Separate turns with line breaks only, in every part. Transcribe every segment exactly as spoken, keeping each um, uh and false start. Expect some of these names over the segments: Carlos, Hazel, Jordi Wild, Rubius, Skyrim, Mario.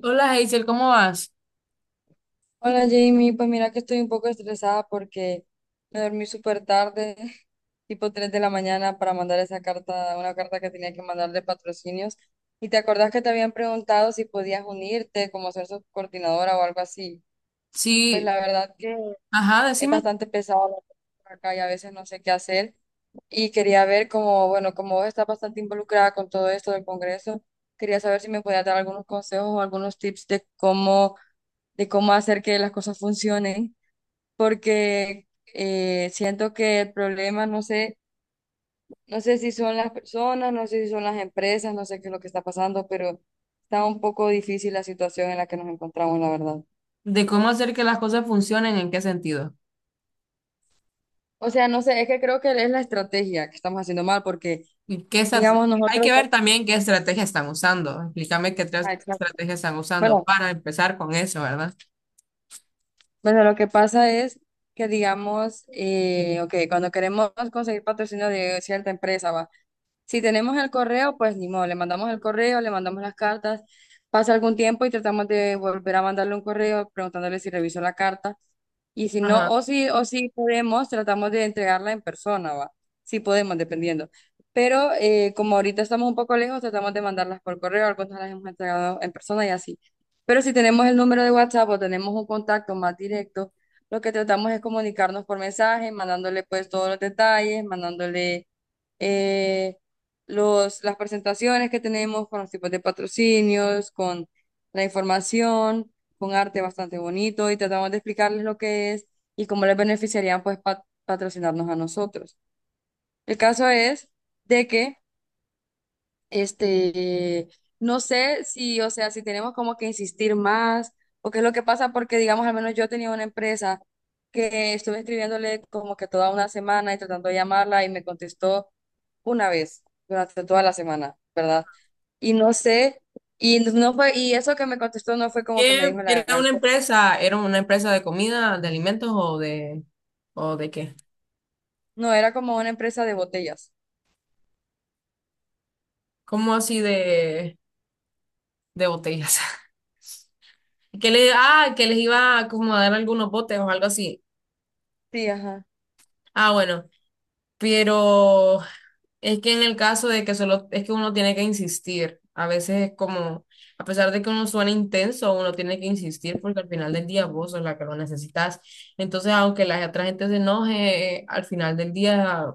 Hola Hazel, ¿cómo vas?
Hola Jamie, pues mira que estoy un poco estresada porque me dormí súper tarde, tipo tres de la mañana, para mandar esa carta, una carta que tenía que mandar de patrocinios. Y te acordás que te habían preguntado si podías unirte, como ser subcoordinadora o algo así. Pues
Sí,
la verdad que
ajá,
es
decime
bastante pesado la cosa por acá y a veces no sé qué hacer. Y quería ver como, bueno, como vos estás bastante involucrada con todo esto del Congreso, quería saber si me podías dar algunos consejos o algunos tips de cómo, de cómo hacer que las cosas funcionen porque eh, siento que el problema, no sé, no sé si son las personas, no sé si son las empresas, no sé qué es lo que está pasando, pero está un poco difícil la situación en la que nos encontramos, la verdad.
de cómo hacer que las cosas funcionen, en qué sentido.
O sea, no sé, es que creo que es la estrategia que estamos haciendo mal, porque,
Y qué estra-
digamos,
Hay
nosotros,
que ver también qué estrategia están usando. Explícame qué tres
ah, exacto.
estrategias están usando
bueno,
para empezar con eso, ¿verdad?
bueno, lo que pasa es que, digamos, eh, ok, cuando queremos conseguir patrocinio de cierta empresa, va. Si tenemos el correo, pues ni modo, le mandamos el correo, le mandamos las cartas, pasa algún tiempo y tratamos de volver a mandarle un correo preguntándole si revisó la carta. Y si no,
Ajá.
o si, o si podemos, tratamos de entregarla en persona, ¿va? Si podemos, dependiendo. Pero eh, como ahorita estamos un poco lejos, tratamos de mandarlas por correo, algunas las hemos entregado en persona y así. Pero si tenemos el número de WhatsApp o tenemos un contacto más directo, lo que tratamos es comunicarnos por mensaje, mandándole pues todos los detalles, mandándole eh, los, las presentaciones que tenemos con los tipos de patrocinios, con la información, con arte bastante bonito y tratamos de explicarles lo que es y cómo les beneficiarían pues pa- patrocinarnos a nosotros. El caso es de que este, no sé si, o sea, si tenemos como que insistir más o qué es lo que pasa, porque digamos, al menos yo tenía una empresa que estuve escribiéndole como que toda una semana y tratando de llamarla y me contestó una vez durante toda la semana, ¿verdad? Y no sé, y no fue, y eso que me contestó no fue como que me
¿Qué
dijo la
era
gran
una
cosa,
empresa? ¿Era una empresa de comida, de alimentos o de o de qué?
no, era como una empresa de botellas.
¿Cómo así de de botellas? Que le, ah, que les iba a como a dar algunos botes o algo así.
Sí, ajá.
Ah, bueno, pero es que en el caso de que solo es que uno tiene que insistir, a veces es como, a pesar de que uno suene intenso, uno tiene que insistir porque al final del día vos sos la que lo necesitas. Entonces, aunque la otra gente se enoje, eh, al final del día,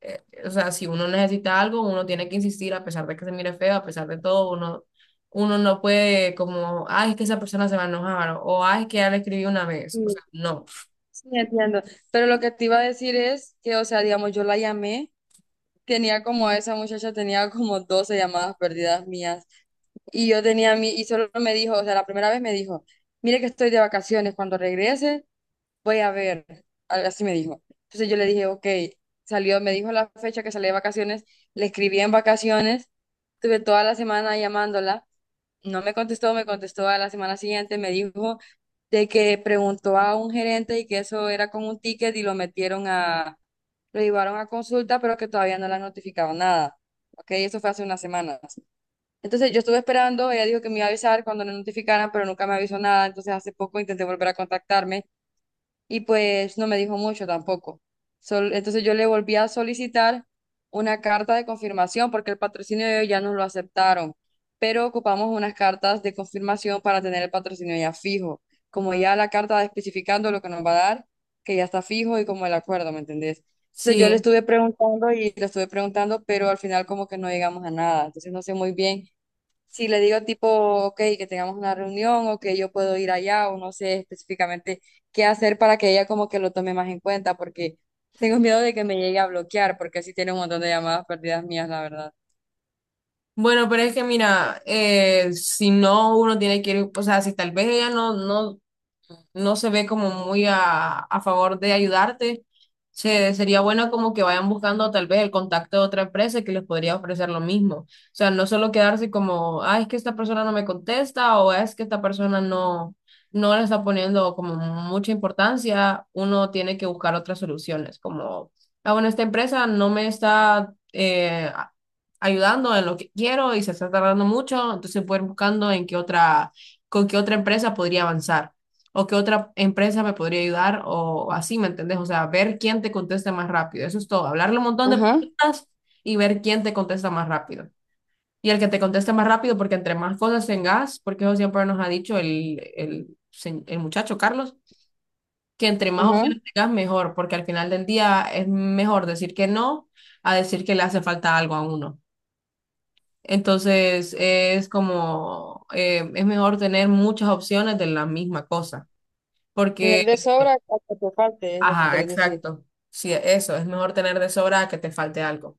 eh, o sea, si uno necesita algo, uno tiene que insistir a pesar de que se mire feo, a pesar de todo, uno, uno no puede como, ay, es que esa persona se va a enojar o ay, es que ya le escribí una
Sí,
vez. O sea, no.
sí, entiendo. Pero lo que te iba a decir es que, o sea, digamos, yo la llamé. Tenía como esa muchacha tenía como doce llamadas perdidas mías y yo tenía mi y solo me dijo, o sea, la primera vez me dijo, "Mire que estoy de vacaciones, cuando regrese voy a ver." Algo así me dijo. Entonces yo le dije, ok, salió, me dijo la fecha que salí de vacaciones, le escribí en vacaciones, estuve toda la semana llamándola, no me contestó, me contestó a la semana siguiente, me dijo de que preguntó a un gerente y que eso era con un ticket y lo metieron a lo llevaron a consulta, pero que todavía no le han notificado nada. ¿Ok? Eso fue hace unas semanas. Entonces yo estuve esperando, ella dijo que me iba a avisar cuando le notificaran, pero nunca me avisó nada. Entonces hace poco intenté volver a contactarme y pues no me dijo mucho tampoco. Sol- entonces yo le volví a solicitar una carta de confirmación porque el patrocinio de ellos ya nos lo aceptaron, pero ocupamos unas cartas de confirmación para tener el patrocinio ya fijo, como ya la carta especificando lo que nos va a dar, que ya está fijo y como el acuerdo, ¿me entendés? Entonces yo le
Sí.
estuve preguntando y le estuve preguntando, pero al final como que no llegamos a nada, entonces no sé muy bien si le digo tipo, ok, que tengamos una reunión o que yo puedo ir allá o no sé específicamente qué hacer para que ella como que lo tome más en cuenta porque tengo miedo de que me llegue a bloquear porque así tiene un montón de llamadas perdidas mías, la verdad.
Bueno, pero es que mira, eh, si no, uno tiene que ir, o sea, si tal vez ella no, no, no se ve como muy a, a favor de ayudarte, se, sería bueno como que vayan buscando tal vez el contacto de otra empresa que les podría ofrecer lo mismo. O sea, no solo quedarse como, ah, es que esta persona no me contesta o es que esta persona no, no le está poniendo como mucha importancia, uno tiene que buscar otras soluciones, como, ah, bueno, esta empresa no me está... eh, a- ayudando en lo que quiero y se está tardando mucho, entonces voy buscando en qué otra, con qué otra empresa podría avanzar o qué otra empresa me podría ayudar o así, ¿me entendés? O sea, ver quién te contesta más rápido. Eso es todo. Hablarle un montón de
Ajá,
preguntas y ver quién te contesta más rápido. Y el que te conteste más rápido, porque entre más cosas tengas, porque eso siempre nos ha dicho el, el, sen- el muchacho Carlos, que entre más
ajá.
opciones tengas, mejor, porque al final del día es mejor decir que no a decir que le hace falta algo a uno. Entonces, es como, eh, es mejor tener muchas opciones de la misma cosa,
Tener
porque
de sobra hasta que te falte es lo que
ajá,
quieres decir.
exacto. Sí, eso, es mejor tener de sobra a que te falte algo.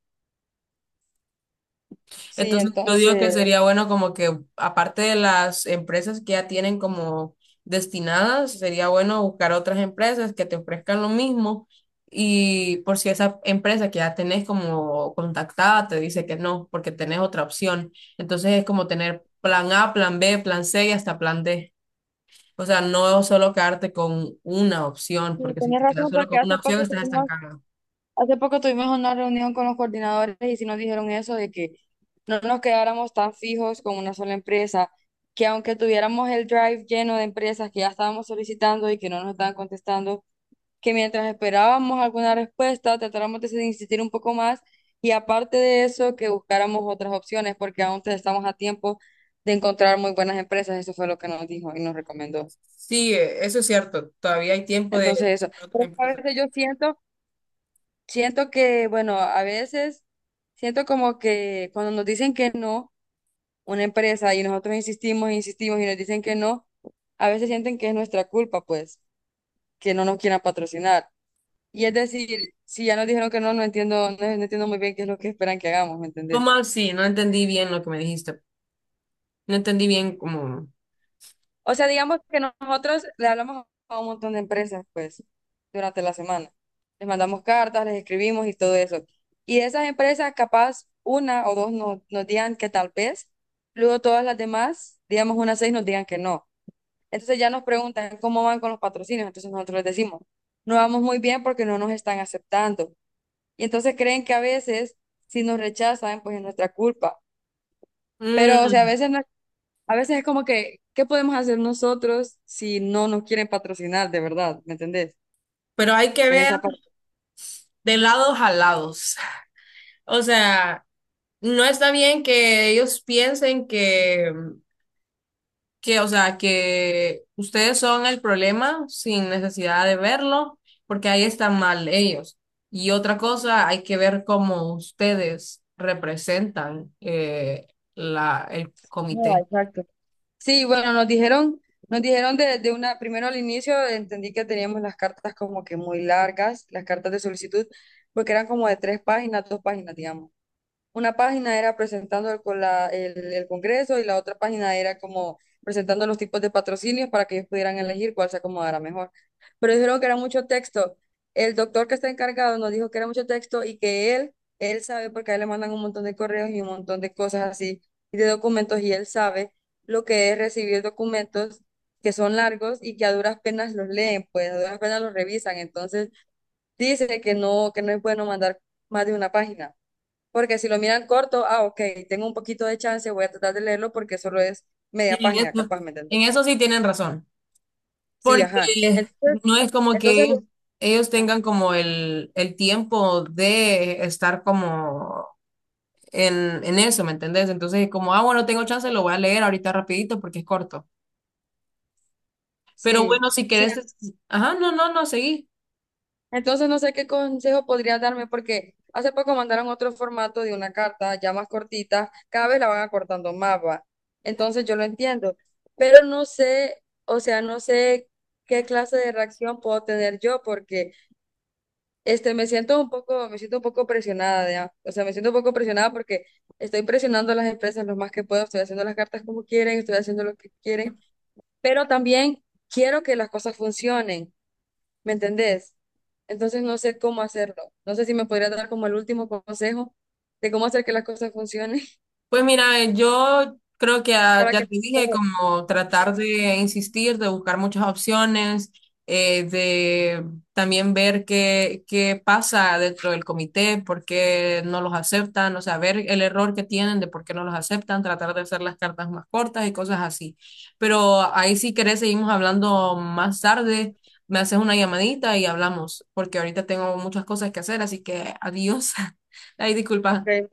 Sí,
Entonces, yo digo que
entonces,
sería bueno como que, aparte de las empresas que ya tienen como destinadas, sería bueno buscar otras empresas que te ofrezcan lo mismo y por si esa empresa que ya tenés como contactada te dice que no, porque tenés otra opción. Entonces, es como tener plan A, plan B, plan C y hasta plan D. O sea, no solo quedarte con una opción,
sí,
porque si
tienes
te quedas
razón
solo
porque
con una
hace
opción,
poco
estás
tuvimos
estancado.
Hace poco tuvimos una reunión con los coordinadores y sí nos dijeron eso de que no nos quedáramos tan fijos con una sola empresa, que aunque tuviéramos el drive lleno de empresas que ya estábamos solicitando y que no nos estaban contestando, que mientras esperábamos alguna respuesta tratáramos de insistir un poco más y aparte de eso que buscáramos otras opciones porque aún te- estamos a tiempo de encontrar muy buenas empresas, eso fue lo que nos dijo y nos recomendó.
Sí, eh, eso es cierto. Todavía hay tiempo de de
Entonces eso,
otras
pero a
empresas.
veces yo siento siento que, bueno, a veces siento como que cuando nos dicen que no, una empresa y nosotros insistimos, insistimos y nos dicen que no, a veces sienten que es nuestra culpa, pues, que no nos quieran patrocinar. Y es decir, si ya nos dijeron que no, no entiendo, no, no entiendo muy bien qué es lo que esperan que hagamos, ¿me
¿Cómo
entendés?
así? No entendí bien lo que me dijiste. No entendí bien cómo.
O sea, digamos que nosotros le hablamos a un montón de empresas, pues, durante la semana. Les mandamos cartas, les escribimos y todo eso. Y de esas empresas, capaz una o dos nos nos digan que tal vez, luego todas las demás, digamos unas seis, nos digan que no. Entonces ya nos preguntan cómo van con los patrocinios. Entonces nosotros les decimos, no vamos muy bien porque no nos están aceptando. Y entonces creen que a veces, si nos rechazan, pues es nuestra culpa. Pero, o sea, a
Mm,
veces no a veces es como que, ¿qué podemos hacer nosotros si no nos quieren patrocinar de verdad? ¿Me entendés?
pero hay que
En
ver
esa parte.
de lados a lados. O sea, no está bien que ellos piensen que, que, o sea, que ustedes son el problema sin necesidad de verlo, porque ahí están mal ellos. Y otra cosa, hay que ver cómo ustedes representan eh, la, el
No,
comité.
exacto. Sí, bueno, nos dijeron, nos dijeron de, de una, primero al inicio entendí que teníamos las cartas como que muy largas, las cartas de solicitud, porque eran como de tres páginas, dos páginas, digamos. Una página era presentando el, con la- el- el Congreso y la otra página era como presentando los tipos de patrocinios para que ellos pudieran elegir cuál se acomodara mejor. Pero dijeron que era mucho texto. El doctor que está encargado nos dijo que era mucho texto y que él, él sabe porque a él le mandan un montón de correos y un montón de cosas así y de documentos y él sabe lo que es recibir documentos que son largos y que a duras penas los leen, pues a duras penas los revisan. Entonces dice que no, que no es bueno mandar más de una página. Porque si lo miran corto, ah, ok, tengo un poquito de chance, voy a tratar de leerlo porque solo es media
En
página,
eso,
capaz, ¿me entiendes?
en eso sí tienen razón,
Sí,
porque
ajá. Entonces,
no es como
entonces,
que ellos
ajá,
tengan como el, el tiempo de estar como en, en eso, ¿me entendés? Entonces es como, ah, bueno, tengo chance, lo voy a leer ahorita rapidito porque es corto. Pero
sí,
bueno, si
sí.
querés, es- ajá, no, no, no, seguí.
Entonces no sé qué consejo podrías darme porque hace poco mandaron otro formato de una carta ya más cortita, cada vez la van acortando más, va. Entonces yo lo entiendo, pero no sé, o sea, no sé qué clase de reacción puedo tener yo porque Este, me siento un poco, me siento un poco presionada ya. O sea, me siento un poco presionada porque estoy presionando a las empresas lo más que puedo, estoy haciendo las cartas como quieren, estoy haciendo lo que quieren, pero también quiero que las cosas funcionen, ¿me entendés? Entonces no sé cómo hacerlo. No sé si me podría dar como el último consejo de cómo hacer que las cosas funcionen
Pues mira, eh, yo creo que ah,
para
ya
que...
te dije, como tratar de insistir, de buscar muchas opciones, eh, de también ver qué, qué pasa dentro del comité, por qué no los aceptan, o sea, ver el error que tienen de por qué no los aceptan, tratar de hacer las cartas más cortas y cosas así. Pero ahí si querés seguimos hablando más tarde, me haces una llamadita y hablamos, porque ahorita tengo muchas cosas que hacer, así que adiós. Ay, disculpa.
Ok,